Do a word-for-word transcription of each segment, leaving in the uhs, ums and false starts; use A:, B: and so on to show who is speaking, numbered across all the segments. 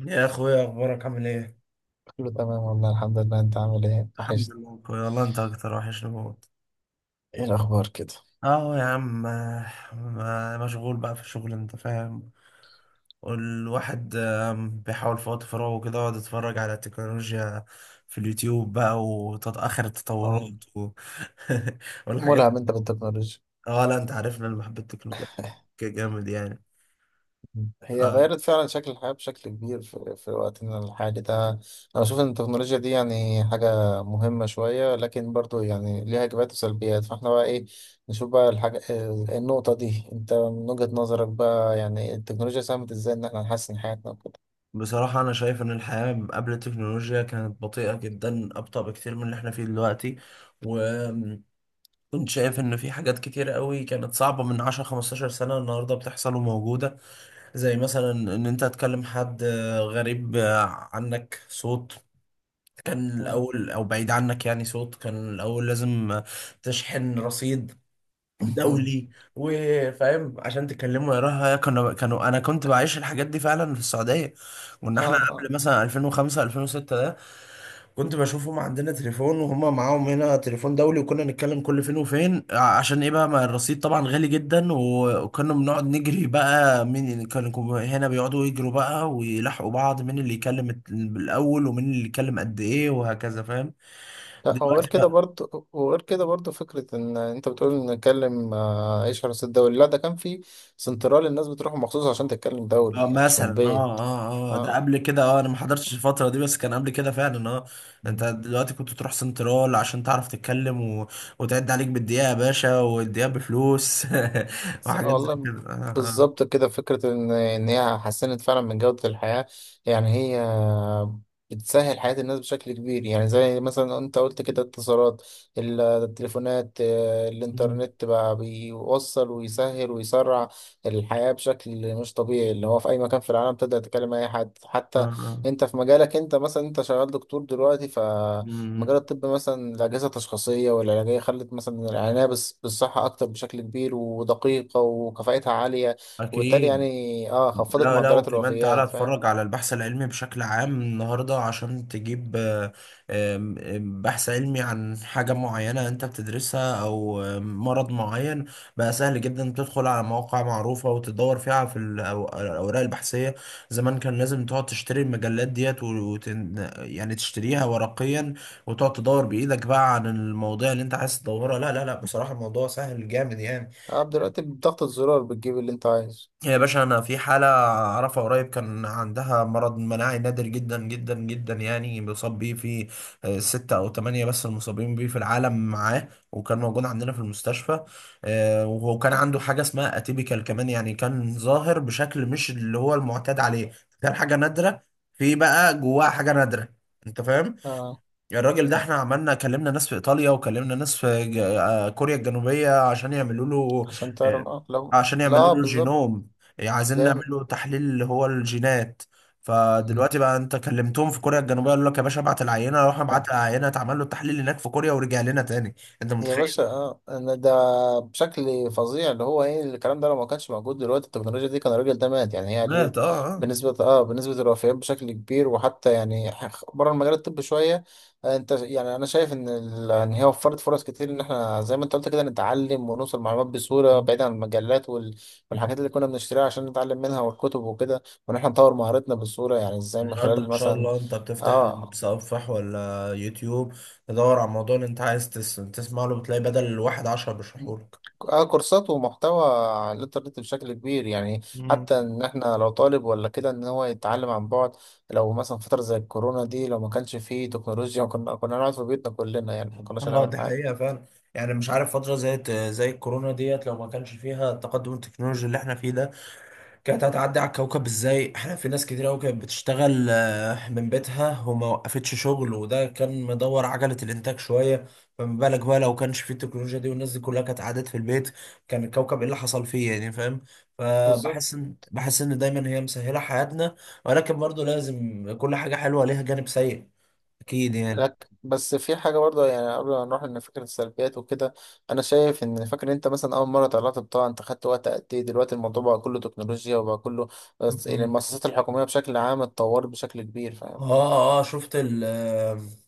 A: يا اخويا، اخبارك عامل ايه؟
B: كله تمام والله الحمد لله، انت عامل ايه؟
A: الحمد
B: وحشت.
A: لله أخويا، والله انت اكتر وحشني موت.
B: ايه الاخبار كده؟
A: اه يا عم، ما- مشغول بقى في الشغل، انت فاهم. والواحد آم، بيحاول في وقت فراغه كده يقعد يتفرج على التكنولوجيا في اليوتيوب بقى وتتأخر
B: اه،
A: التطورات و... والحاجات.
B: ملهم انت بالتكنولوجيا.
A: اه لا، انت عارفنا اللي بحب التكنولوجيا جامد يعني.
B: هي غيرت فعلا شكل الحياة بشكل كبير في, في وقتنا الحالي ده. انا بشوف ان التكنولوجيا دي يعني حاجة مهمة شوية، لكن برضو يعني ليها ايجابيات وسلبيات، فاحنا بقى ايه، نشوف بقى الحاجة اه، النقطة دي. انت من وجهة نظرك بقى يعني التكنولوجيا ساهمت ازاي ان احنا نحسن حياتنا وكده؟
A: فبصراحة أنا شايف إن الحياة قبل التكنولوجيا كانت بطيئة جدا، أبطأ بكتير من اللي إحنا فيه دلوقتي. كنت شايف ان في حاجات كتير قوي كانت صعبة من عشرة خمستاشر سنة النهاردة بتحصل وموجودة. زي مثلا ان انت تكلم حد آه، غريب آه، عنك، صوت كان
B: اه.
A: الاول، او بعيد عنك يعني، صوت كان الاول لازم آه، تشحن رصيد دولي وفاهم عشان تكلمه يراها. كانوا كانوا انا كنت بعيش الحاجات دي فعلا في السعودية. كنا احنا
B: اه.
A: قبل مثلا ألفين وخمسة ألفين وستة ده، كنت بشوفهم عندنا تليفون وهما معاهم هنا تليفون دولي، وكنا نتكلم كل فين وفين، ع- عشان ايه بقى؟ ما الرصيد طبعا غالي جدا، و- وكنا بنقعد نجري بقى مين اللي كان، كانوا كو- هنا بيقعدوا يجروا بقى ويلحقوا بعض مين اللي يكلم الت- الاول ومين اللي يكلم قد ايه وهكذا، فاهم؟
B: لا، وغير
A: دلوقتي
B: كده برضه، وغير كده برضه، فكرة إن أنت بتقول إن نتكلم آه، إيش حرس الدوري، لا ده كان في سنترال، الناس بتروح مخصوص عشان تتكلم دوري،
A: اه،
B: يعني مش من
A: مثلا، اه
B: البيت.
A: اه اه ده
B: اه.
A: قبل كده، اه، انا ما حضرتش الفترة دي، بس كان قبل كده فعلا، اه. انت دلوقتي كنت تروح سنترال عشان تعرف تتكلم و... وتعد عليك بالدقيقة يا باشا، والدقيقة بفلوس.
B: س-
A: وحاجات زي
B: والله
A: كده، اه اه اه.
B: بالظبط كده. فكرة إن إن هي حسنت فعلا من جودة الحياة. يعني هي بتسهل حياة الناس بشكل كبير. يعني زي مثلا أنت قلت كده، اتصالات ال- التليفونات، آه،
A: مم.
B: الإنترنت بقى بيوصل ويسهل ويسرع الحياة بشكل مش طبيعي، اللي هو في أي مكان في العالم تقدر تكلم أي حد.
A: اه
B: حتى
A: اه.
B: أنت في مجالك، أنت مثلا أنت شغال دكتور دلوقتي، مجال
A: مم.
B: الطب مثلا الأجهزة التشخيصية والعلاجية خلت مثلا العناية بس بالصحة أكتر بشكل كبير ودقيقة وكفاءتها عالية، وبالتالي
A: اكيد.
B: يعني اه خفضت
A: لا لا،
B: معدلات
A: وكمان تعالى
B: الوفيات، فاهم؟
A: اتفرج على البحث العلمي بشكل عام النهارده. عشان تجيب آه، آم، آم، بحث علمي عن حاجة معينة انت بتدرسها او آم، مرض معين، بقى سهل جدا تدخل على مواقع معروفة وتدور فيها في ال- الأو- الاوراق البحثية. زمان كان لازم تقعد تشتري المجلات ديت وت... يعني تشتريها ورقيا، وتقعد تدور بإيدك بقى عن المواضيع اللي انت عايز تدورها. لا لا لا، بصراحة الموضوع سهل جامد يعني.
B: اه دلوقتي بضغطة زرار بتجيب اللي أنت عايزه.
A: يا باشا، انا في حاله اعرفها قريب كان عندها مرض مناعي نادر جدا جدا جدا، يعني بيصاب بيه في آه، ستة او ثمانية بس المصابين بيه في العالم. معاه وكان موجود عندنا في المستشفى. آه، وكان عنده حاجه اسمها اتيبيكال كمان، يعني كان ظاهر بشكل مش اللي هو المعتاد عليه. كان حاجه نادره في بقى جواها حاجه نادره، انت فاهم؟
B: اه،
A: الراجل ده احنا عملنا، كلمنا ناس في ايطاليا، وكلمنا ناس في ج- آه، كوريا الجنوبية عشان يعملوا له.
B: عشان تعرف
A: آه،
B: اه لو.
A: عشان
B: لا
A: يعملوا
B: آه
A: له
B: بالظبط.
A: جينوم، يعني عايزين نعمل
B: جامد.
A: له تحليل اللي هو الجينات.
B: مم.
A: فدلوقتي بقى انت كلمتهم في كوريا الجنوبية، قالوا لك يا باشا ابعت العينة، راح ابعت العينة، اتعمل له التحليل هناك في كوريا ورجع لنا تاني. انت
B: يا
A: متخيل؟
B: باشا اه أنا ده بشكل فظيع اللي هو ايه الكلام ده. لو ما كانش موجود دلوقتي التكنولوجيا دي كان الراجل ده مات، يعني هي
A: مات،
B: قللت
A: اه اه.
B: بنسبة اه بنسبة الوفيات بشكل كبير. وحتى يعني بره المجال الطبي شوية، آه، انت يعني انا شايف ان ال- ان هي وفرت فرص كتير ان احنا زي ما انت قلت كده نتعلم ونوصل معلومات بسهولة، بعيد عن المجلات وال- والحاجات اللي كنا بنشتريها عشان نتعلم منها والكتب وكده، وان احنا نطور مهارتنا بسهولة. يعني ازاي، من
A: النهارده ما
B: خلال
A: شاء
B: مثلا
A: الله انت بتفتح
B: اه
A: المتصفح ولا يوتيوب، تدور على الموضوع اللي انت عايز تس- تسمع له، بتلاقي بدل الواحد عشرة بيشرحوا
B: اه كورسات ومحتوى على الانترنت بشكل كبير يعني.
A: لك.
B: حتى ان احنا لو طالب ولا كده ان هو يتعلم عن بعد. لو مثلا فترة زي الكورونا دي لو ما كانش فيه تكنولوجيا كنا كنا نقعد في بيتنا كلنا، يعني ما كناش
A: اه
B: هنعمل
A: دي
B: حاجة.
A: حقيقة فعلا. يعني مش عارف، فترة زي زي الكورونا ديت، لو ما كانش فيها التقدم التكنولوجي اللي احنا فيه ده، كانت هتعدي على الكوكب ازاي؟ احنا في ناس كتير قوي كانت بتشتغل آه، من بيتها وما وقفتش شغل، وده كان مدور عجلة الانتاج شوية. فما بالك بقى لو كانش فيه التكنولوجيا دي، والناس دي كلها كانت قعدت في البيت، كان الكوكب ايه اللي حصل فيه يعني، فاهم؟
B: بالظبط.
A: فبحس ان بحس ان دايما هي مسهلة حياتنا، ولكن برضو لازم كل حاجة حلوة ليها جانب سيء. اكيد
B: لك بس في حاجة برضه يعني قبل ما نروح لفكرة السلبيات وكده، أنا شايف إن، فاكر أنت مثلا أول مرة طلعت بطاقة أنت خدت وقت قد إيه، دلوقتي الموضوع بقى كله تكنولوجيا وبقى كله بس. يعني
A: يعني.
B: المؤسسات الحكومية بشكل عام اتطورت بشكل كبير، فاهم؟
A: اه اه. شفت ال-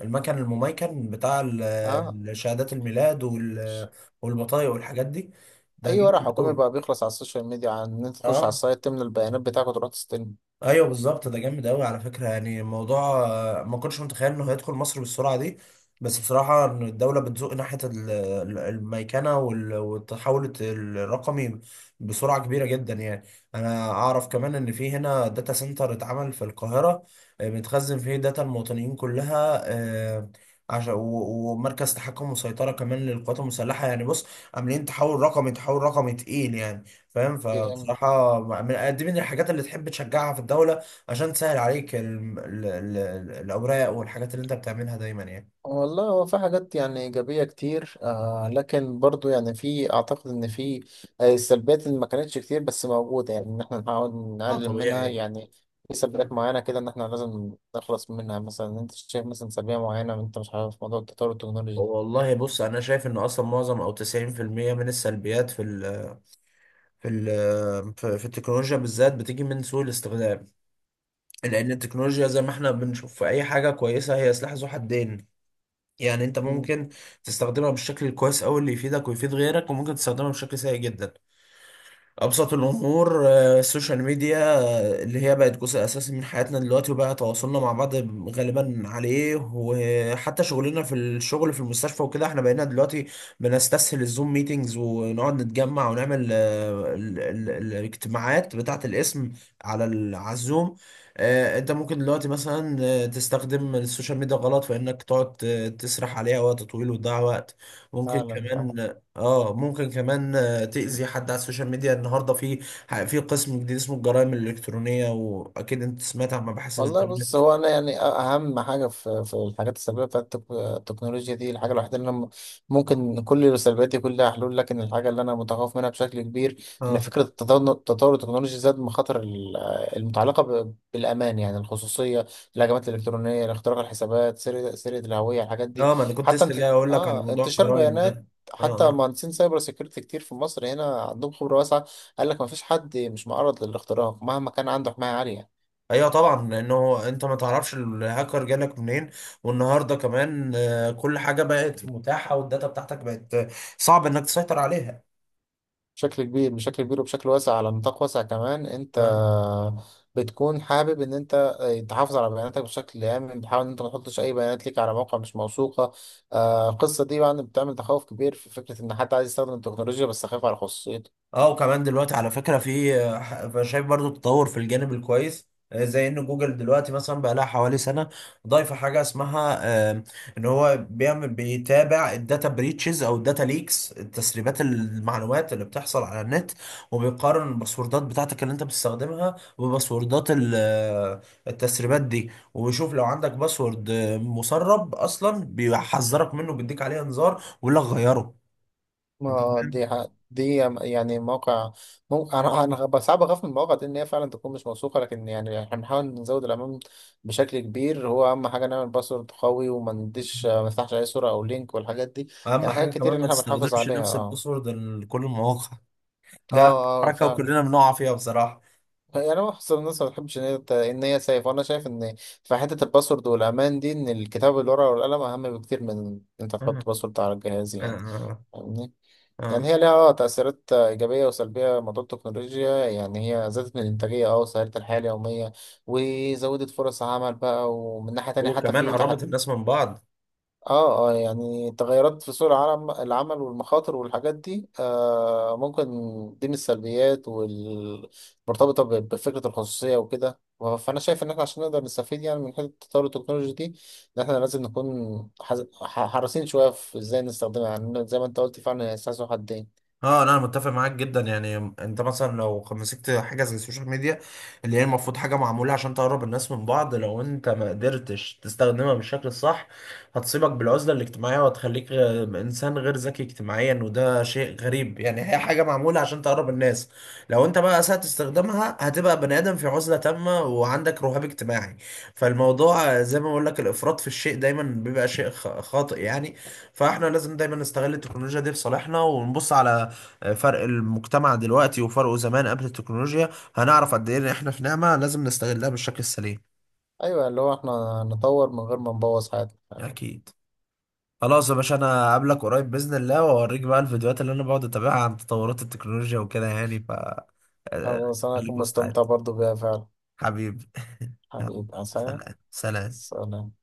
A: المكن المميكن بتاع
B: آه،
A: ال- شهادات الميلاد وال- والبطايق والحاجات دي؟ ده
B: اي ورق
A: جامد
B: حكومي
A: قوي.
B: بقى بيخلص على السوشيال ميديا، عن ان انت تخش على
A: اه،
B: السايت تملى البيانات بتاعك وتروح تستلم
A: ايوه بالظبط، ده جامد قوي على فكره. يعني الموضوع آه، ما كنتش متخيل انه هيدخل مصر بالسرعه دي. بس بصراحه إن الدوله بتزق ناحيه ال- ال- الميكنه وال- والتحول الرقمي بسرعه كبيره جدا يعني. انا اعرف كمان ان في هنا داتا سنتر اتعمل في القاهره، آه، بتخزن فيه داتا المواطنين كلها، آه، عشان و- ومركز تحكم وسيطره كمان للقوات المسلحه. يعني بص، عاملين تحول رقمي، تحول رقمي تقيل يعني، فاهم؟
B: يعني.
A: فبصراحة من دي من الحاجات اللي تحب تشجعها في الدولة، عشان تسهل عليك ال- ال- ال- الأوراق والحاجات اللي أنت بتعملها دايما يعني.
B: والله هو في حاجات يعني ايجابيه كتير آه، لكن برضو يعني في، اعتقد ان في آه، سلبيات اللي ما كانتش كتير بس موجوده، يعني ان احنا نحاول
A: اه
B: نقلل منها
A: طبيعي.
B: يعني. في سلبيات معينه كده ان احنا لازم نخلص منها. مثلا انت شايف مثلا سلبيه معينه انت مش عارف، موضوع التطور التكنولوجي.
A: والله بص، أنا شايف إن أصلا معظم أو تسعين في المية من السلبيات في ال في ال في في التكنولوجيا بالذات بتيجي من سوء الاستخدام. لأن التكنولوجيا زي ما إحنا بنشوف في أي حاجة كويسة، هي سلاح ذو حدين. يعني أنت
B: مم،
A: ممكن تستخدمها بالشكل الكويس أوي اللي يفيدك ويفيد غيرك، وممكن تستخدمها بشكل سيء جدا. أبسط الأمور آه، السوشيال ميديا، آه، اللي هي بقت جزء أساسي من حياتنا دلوقتي، وبقى تواصلنا مع بعض غالبا عليه، وحتى شغلنا في الشغل في المستشفى وكده. احنا بقينا دلوقتي بنستسهل الزوم ميتينجز، ونقعد نتجمع ونعمل آه، ال- ال- الاجتماعات بتاعة الاسم على ال- على الزوم. آه، انت ممكن دلوقتي مثلا، آه، تستخدم السوشيال ميديا غلط في انك تقعد آه، تسرح عليها وقت طويل وتضيع وقت. ممكن
B: فعلا فعلا.
A: كمان اه ممكن كمان تأذي حد على السوشيال ميديا. النهارده في في قسم جديد اسمه الجرائم الإلكترونية، وأكيد أنت سمعت عن مباحث
B: والله بص
A: الإنترنت.
B: هو انا يعني اهم حاجه في في الحاجات السلبيه بتاعت التك- التكنولوجيا دي، الحاجه الوحيده اللي انا م- ممكن كل سلبياتي كلها حلول، لكن الحاجه اللي انا متخوف منها بشكل كبير ان
A: اه
B: فكره التطور التطور التكنولوجي زاد مخاطر ال- المتعلقه ب- بالامان، يعني الخصوصيه، الهجمات الالكترونيه، اختراق الحسابات، سرقه سرقه الهويه، الحاجات دي.
A: لا، ما أنا كنت
B: حتى
A: لسه
B: انت
A: جاي أقول لك على
B: اه
A: موضوع
B: انتشار
A: الجرائم ده.
B: بيانات.
A: اه
B: حتى
A: اه.
B: مهندسين سايبر سيكيورتي كتير في مصر هنا عندهم خبره واسعه قال لك ما فيش حد مش معرض للاختراق مهما كان عنده حمايه عاليه.
A: أيوه طبعا، لأنه أنت ما تعرفش الهاكر جالك منين. والنهارده كمان آه، كل حاجة بقت متاحة، والداتا بتاعتك بقت آه، صعب إنك تسيطر عليها.
B: بشكل كبير، بشكل كبير وبشكل واسع، على نطاق واسع كمان. انت
A: آه،
B: بتكون حابب ان انت آه، تحافظ على بياناتك بشكل امن، بتحاول ان انت ما تحطش اي بيانات ليك على موقع مش موثوقه. آه، القصه دي بقى بتعمل تخوف كبير في فكره ان حد عايز يستخدم التكنولوجيا بس خايف على خصوصيته.
A: اه وكمان دلوقتي على فكرة في، أنا شايف برضو تطور في الجانب الكويس، آه، زي ان جوجل دلوقتي مثلا بقى لها حوالي سنة ضايفة حاجة اسمها آه، ان هو بيعمل، بيتابع الداتا بريتشز او الداتا ليكس، تسريبات المعلومات اللي بتحصل على النت، وبيقارن الباسوردات بتاعتك اللي انت بتستخدمها بباسوردات ال- آه، التسريبات دي، وبيشوف لو عندك باسورد آه، مسرب اصلا بيحذرك منه، بيديك عليه انذار ويقول لك غيره، انت
B: ما
A: فاهم؟
B: دي ح- دي يعني موقع ممكن، انا انا غ- صعب اخاف من المواقع دي ان هي فعلا تكون مش موثوقه، لكن يعني احنا بنحاول نزود الامان بشكل كبير. هو اهم حاجه نعمل باسورد قوي، وما نديش ما نفتحش اي صوره او لينك والحاجات دي.
A: اهم
B: يعني حاجات
A: حاجه كمان
B: كتير ان
A: ما
B: احنا بنحافظ
A: تستخدمش
B: عليها.
A: نفس
B: اه
A: الباسورد لكل المواقع.
B: اه
A: ده
B: اه
A: حركه
B: فعلا.
A: وكلنا بنقع فيها بصراحه.
B: يعني انا بحس الناس ما بتحبش ان هي ت- ان هي سيف، وانا شايف ان في حته الباسورد والامان دي ان الكتاب بالورقه والقلم اهم بكتير من إن انت
A: آه،
B: تحط باسورد على الجهاز يعني.
A: آه،
B: فاهمني؟ يعني
A: آه.
B: هي ليها آه تأثيرات آه، إيجابية وسلبية. موضوع التكنولوجيا يعني هي زادت من الإنتاجية أه وسهلت الحياة اليومية وزودت فرص عمل بقى، ومن ناحية تانية حتى
A: وكمان
B: في تحد.
A: قربت الناس من بعض.
B: اه اه، يعني تغيرات في سوق العالم العمل والمخاطر والحاجات دي آه، ممكن دي من السلبيات والمرتبطة ب- بفكرة الخصوصية وكده و- فأنا شايف إن إحنا عشان نقدر نستفيد يعني من حتة التطور التكنولوجي دي، إن إحنا لازم نكون حز- ح- حريصين شوية في إزاي نستخدمها. يعني زي ما أنت قلت فعلا هي سلاح ذو حدين.
A: اه لا، انا متفق معاك جدا. يعني انت مثلا لو مسكت حاجه زي السوشيال ميديا، اللي هي المفروض حاجه معموله عشان تقرب الناس من بعض، لو انت ما قدرتش تستخدمها بالشكل الصح، هتصيبك بالعزله الاجتماعيه، وهتخليك غ- انسان غير ذكي اجتماعيا. وده شيء غريب يعني، هي حاجه معموله عشان تقرب الناس، لو انت بقى اسأت استخدامها هتبقى بني ادم في عزله تامه وعندك رهاب اجتماعي. فالموضوع آه، زي ما بقول لك، الافراط في الشيء دايما بيبقى شيء خ- خاطئ يعني. فاحنا لازم دايما نستغل التكنولوجيا دي في صالحنا، ونبص على فرق المجتمع دلوقتي وفرقه زمان قبل التكنولوجيا، هنعرف قد ايه ان احنا في نعمة لازم نستغلها بالشكل السليم.
B: أيوه، اللي هو إحنا نطور من غير ما نبوظ حاجة.
A: اكيد. خلاص يا باشا، انا هقابلك قريب باذن الله، واوريك بقى الفيديوهات اللي انا بقعد اتابعها عن تطورات التكنولوجيا وكده يعني، ف آه،
B: خلاص أنا
A: خليك
B: هكون
A: مستعد
B: مستمتع برضه بيها فعلا.
A: حبيبي. يلا،
B: حبيبي عسلامة.
A: سلام سلام.
B: سلام.